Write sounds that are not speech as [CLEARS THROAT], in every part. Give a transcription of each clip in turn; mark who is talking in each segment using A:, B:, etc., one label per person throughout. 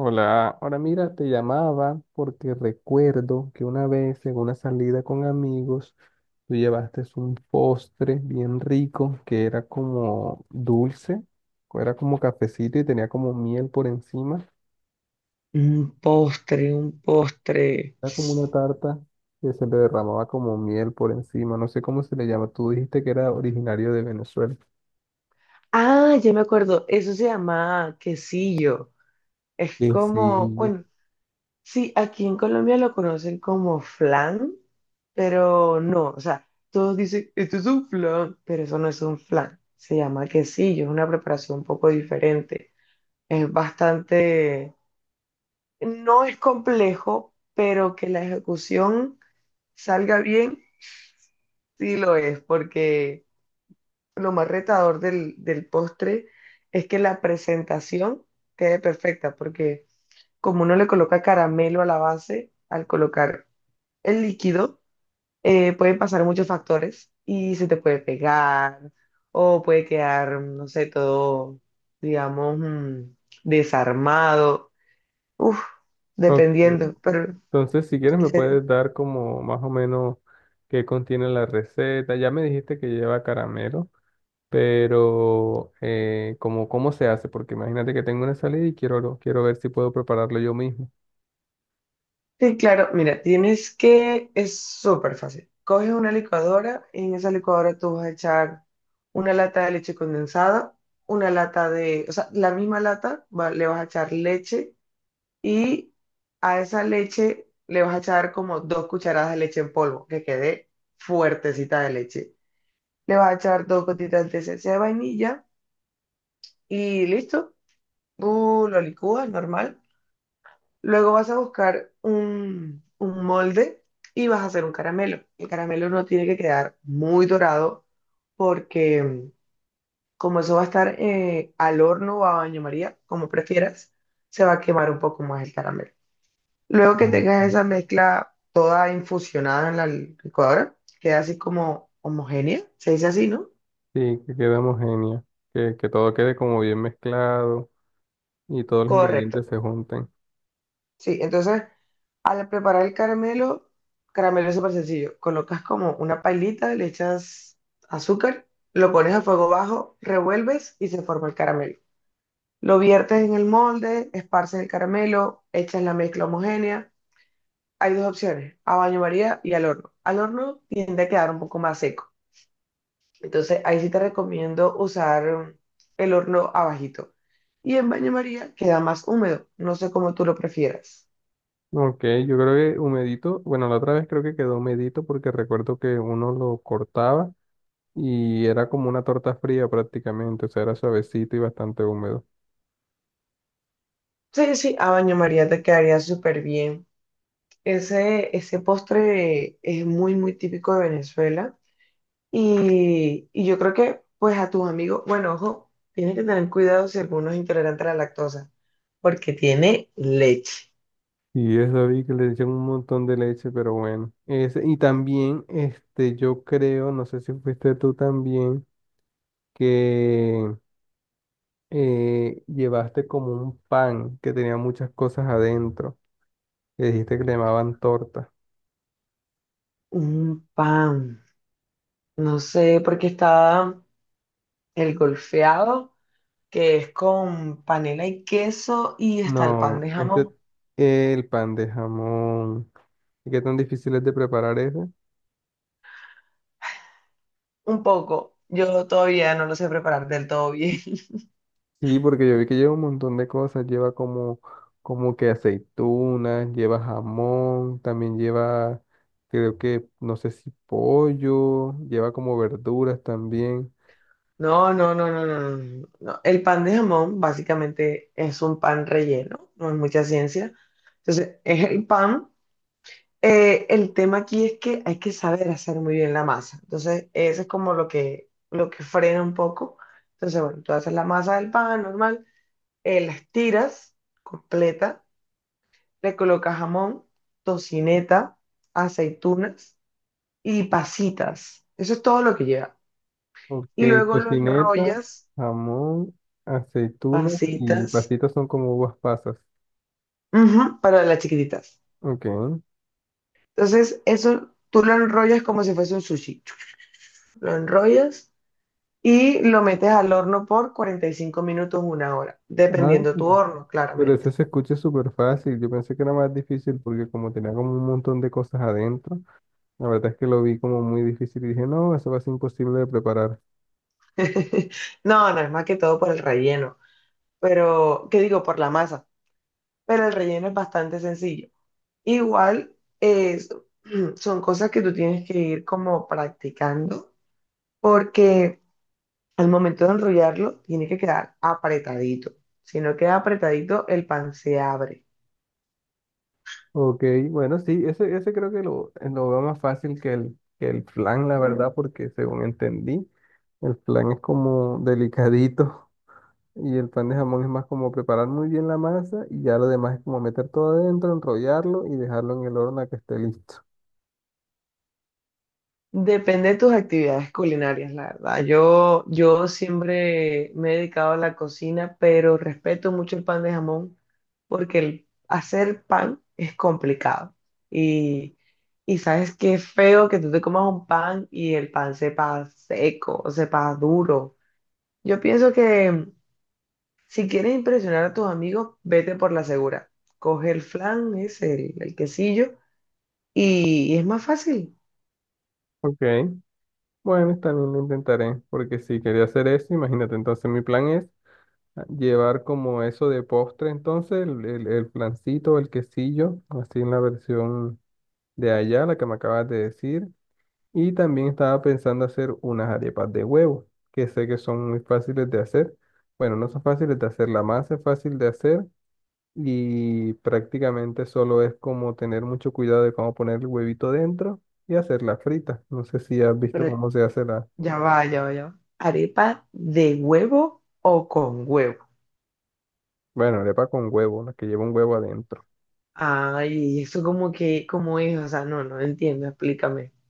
A: Hola, ahora mira, te llamaba porque recuerdo que una vez en una salida con amigos, tú llevaste un postre bien rico que era como dulce, o era como cafecito y tenía como miel por encima.
B: Un postre, un postre.
A: Era como una tarta que se le derramaba como miel por encima, no sé cómo se le llama. Tú dijiste que era originario de Venezuela.
B: Ah, ya me acuerdo, eso se llama quesillo. Es
A: Sí,
B: como,
A: sí.
B: bueno, sí, aquí en Colombia lo conocen como flan, pero no, o sea, todos dicen, esto es un flan, pero eso no es un flan. Se llama quesillo, es una preparación un poco diferente. Es bastante, no es complejo, pero que la ejecución salga bien, sí lo es, porque lo más retador del postre es que la presentación quede perfecta, porque como uno le coloca caramelo a la base, al colocar el líquido, pueden pasar muchos factores y se te puede pegar o puede quedar, no sé, todo, digamos, desarmado. Uf,
A: Ok.
B: dependiendo, pero
A: Entonces, si quieres, me puedes dar como más o menos qué contiene la receta. Ya me dijiste que lleva caramelo, pero como cómo se hace, porque imagínate que tengo una salida y quiero, quiero ver si puedo prepararlo yo mismo.
B: sí, claro, mira, tienes es súper fácil. Coges una licuadora y en esa licuadora tú vas a echar una lata de leche condensada, una lata de, o sea, la misma lata, le vas a echar leche y a esa leche le vas a echar como dos cucharadas de leche en polvo, que quede fuertecita de leche. Le vas a echar dos gotitas de esencia de vainilla y listo. Tú lo licúas normal. Luego vas a buscar un molde y vas a hacer un caramelo. El caramelo no tiene que quedar muy dorado porque como eso va a estar al horno o a baño María, como prefieras, se va a quemar un poco más el caramelo. Luego que
A: Ok.
B: tengas esa mezcla toda infusionada en la licuadora, queda así como homogénea, se dice así, ¿no?
A: Sí, que quede homogéneo, que todo quede como bien mezclado y todos los
B: Correcto.
A: ingredientes se junten.
B: Sí, entonces al preparar el caramelo, caramelo es súper sencillo. Colocas como una pailita, le echas azúcar, lo pones a fuego bajo, revuelves y se forma el caramelo. Lo viertes en el molde, esparces el caramelo, echas la mezcla homogénea. Hay dos opciones, a baño María y al horno. Al horno tiende a quedar un poco más seco. Entonces ahí sí te recomiendo usar el horno abajito. Y en baño María queda más húmedo. No sé cómo tú lo prefieras.
A: Ok, yo creo que humedito. Bueno, la otra vez creo que quedó humedito porque recuerdo que uno lo cortaba. Y era como una torta fría prácticamente, o sea, era suavecito y bastante húmedo.
B: Sí, sí, a baño María te quedaría súper bien. Ese postre es muy, muy típico de Venezuela. Y yo creo que, pues, a tus amigos, bueno, ojo, tienes que tener cuidado si alguno es intolerante a la lactosa, porque tiene leche,
A: Y eso vi que le echaron un montón de leche, pero bueno. Ese- y también, este, yo creo, no sé si fuiste tú también, que llevaste como un pan que tenía muchas cosas adentro, que dijiste que le llamaban torta.
B: un pan, no sé, porque está el golfeado, que es con panela y queso y está el pan
A: No,
B: de
A: este,
B: jamón.
A: el pan de jamón. ¿Y qué tan difícil es de preparar ese?
B: Un poco. Yo todavía no lo sé preparar del todo bien. [LAUGHS]
A: Sí, porque yo vi que lleva un montón de cosas, lleva como, como que aceitunas, lleva jamón, también lleva, creo que, no sé si pollo, lleva como verduras también.
B: No, no, no, no, no, no, no, no. El pan de jamón básicamente es un pan relleno, no es mucha ciencia. Entonces, es el pan. El tema aquí es que hay que saber hacer muy bien la masa. Entonces, eso es como lo que frena un poco. Entonces, bueno, tú haces la masa del pan normal, la estiras completa, le colocas jamón, tocineta, aceitunas y pasitas. Eso es todo lo que lleva.
A: Ok,
B: Y luego lo
A: tocineta,
B: enrollas,
A: jamón, aceitunas y
B: pasitas,
A: pastitas son como uvas pasas.
B: ujú, para las chiquititas.
A: Ok.
B: Entonces, eso tú lo enrollas como si fuese un sushi. Lo enrollas y lo metes al horno por 45 minutos, una hora,
A: Ah,
B: dependiendo tu horno,
A: pero
B: claramente.
A: ese se escucha súper fácil. Yo pensé que era más difícil porque como tenía como un montón de cosas adentro, la verdad es que lo vi como muy difícil y dije, no, eso va a ser imposible de preparar.
B: [LAUGHS] No, no es más que todo por el relleno, pero, ¿qué digo? Por la masa. Pero el relleno es bastante sencillo. Igual es, [CLEARS THROAT] son cosas que tú tienes que ir como practicando porque al momento de enrollarlo tiene que quedar apretadito. Si no queda apretadito, el pan se abre.
A: Ok, bueno, sí, ese creo que lo veo más fácil que el flan, la verdad, porque según entendí, el flan es como delicadito [LAUGHS] y el pan de jamón es más como preparar muy bien la masa y ya lo demás es como meter todo adentro, enrollarlo y dejarlo en el horno a que esté listo.
B: Depende de tus actividades culinarias, la verdad. Yo siempre me he dedicado a la cocina, pero respeto mucho el pan de jamón porque el hacer pan es complicado. Y, y sabes qué feo que tú te comas un pan y el pan sepa seco o sepa duro. Yo pienso que si quieres impresionar a tus amigos, vete por la segura. Coge el flan, es el quesillo, y es más fácil.
A: Ok, bueno, también lo intentaré, porque si quería hacer eso, imagínate. Entonces mi plan es llevar como eso de postre, entonces el flancito, el quesillo, así en la versión de allá, la que me acabas de decir. Y también estaba pensando hacer unas arepas de huevo, que sé que son muy fáciles de hacer. Bueno, no son fáciles de hacer, la masa es fácil de hacer y prácticamente solo es como tener mucho cuidado de cómo poner el huevito dentro y hacerla frita. No sé si has visto cómo se hace la,
B: Ya va, ya va, ya va. ¿Arepa de huevo o con huevo?
A: bueno, arepa con huevo, la que lleva un huevo adentro.
B: Ay, eso como que, ¿cómo es? O sea, no, no entiendo, explícame. [LAUGHS]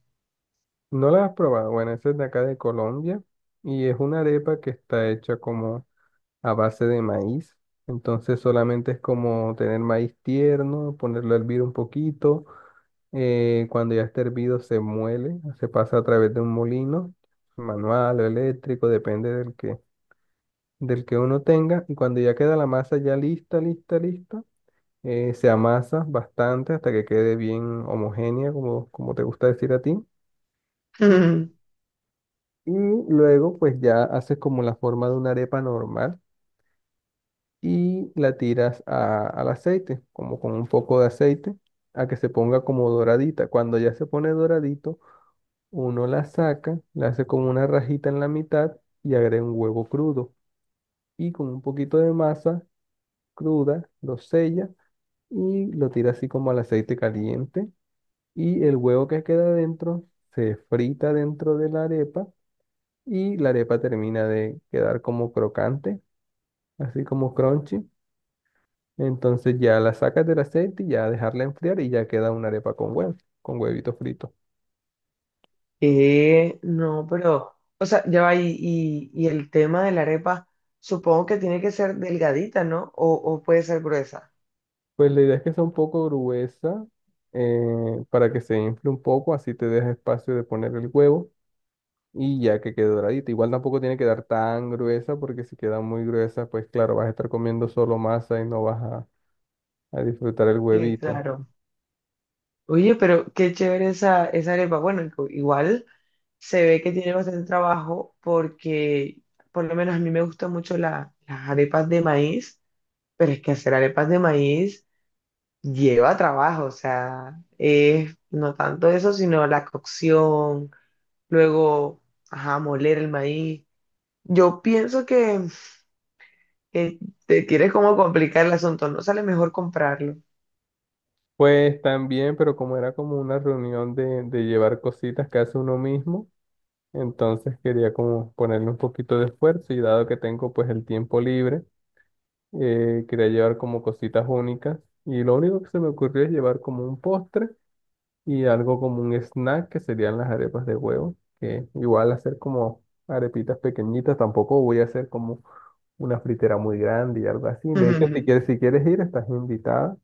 A: No la has probado. Bueno, esa es de acá de Colombia y es una arepa que está hecha como a base de maíz. Entonces solamente es como tener maíz tierno, ponerlo a hervir un poquito. Cuando ya está hervido se muele, se pasa a través de un molino, manual o eléctrico, depende del que uno tenga. Y cuando ya queda la masa ya lista, lista, lista, se amasa bastante hasta que quede bien homogénea, como, como te gusta decir a ti. Y,
B: Mm.
A: y luego pues ya haces como la forma de una arepa normal y la tiras a- al aceite, como con un poco de aceite, a que se ponga como doradita. Cuando ya se pone doradito, uno la saca, la hace como una rajita en la mitad y agrega un huevo crudo. Y con un poquito de masa cruda, lo sella y lo tira así como al aceite caliente. Y el huevo que queda dentro se frita dentro de la arepa y la arepa termina de quedar como crocante, así como crunchy. Entonces ya la sacas del aceite y ya dejarla enfriar y ya queda una arepa con huevo, con huevito frito.
B: No, pero, o sea, ya va, y el tema de la arepa, supongo que tiene que ser delgadita, ¿no? O puede ser gruesa.
A: Pues la idea es que sea un poco gruesa para que se infle un poco, así te deja espacio de poner el huevo y ya que quede doradita. Igual tampoco tiene que quedar tan gruesa porque si queda muy gruesa, pues claro, vas a estar comiendo solo masa y no vas a disfrutar el
B: Sí,
A: huevito.
B: claro. Oye, pero qué chévere esa, esa arepa. Bueno, igual se ve que tiene bastante trabajo porque, por lo menos a mí me gustan mucho las arepas de maíz. Pero es que hacer arepas de maíz lleva trabajo, o sea, es no tanto eso, sino la cocción, luego, ajá, moler el maíz. Yo pienso que te quieres como complicar el asunto, no sale mejor comprarlo.
A: Pues también, pero como era como una reunión de llevar cositas que hace uno mismo. Entonces quería como ponerle un poquito de esfuerzo y dado que tengo pues el tiempo libre, quería llevar como cositas únicas y lo único que se me ocurrió es llevar como un postre y algo como un snack que serían las arepas de huevo, que igual hacer como arepitas pequeñitas, tampoco voy a hacer como una fritera muy grande y algo así. De hecho, si
B: [LAUGHS]
A: quieres, si quieres ir, estás invitada,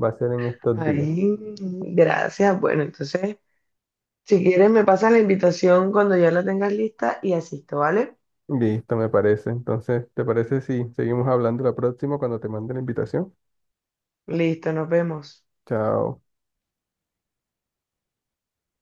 A: va a ser en estos días.
B: Ay, gracias. Bueno, entonces, si quieres, me pasas la invitación cuando ya la tengas lista y asisto, ¿vale?
A: Listo, me parece. Entonces, ¿te parece si seguimos hablando la próxima cuando te mande la invitación?
B: Listo, nos vemos.
A: Chao.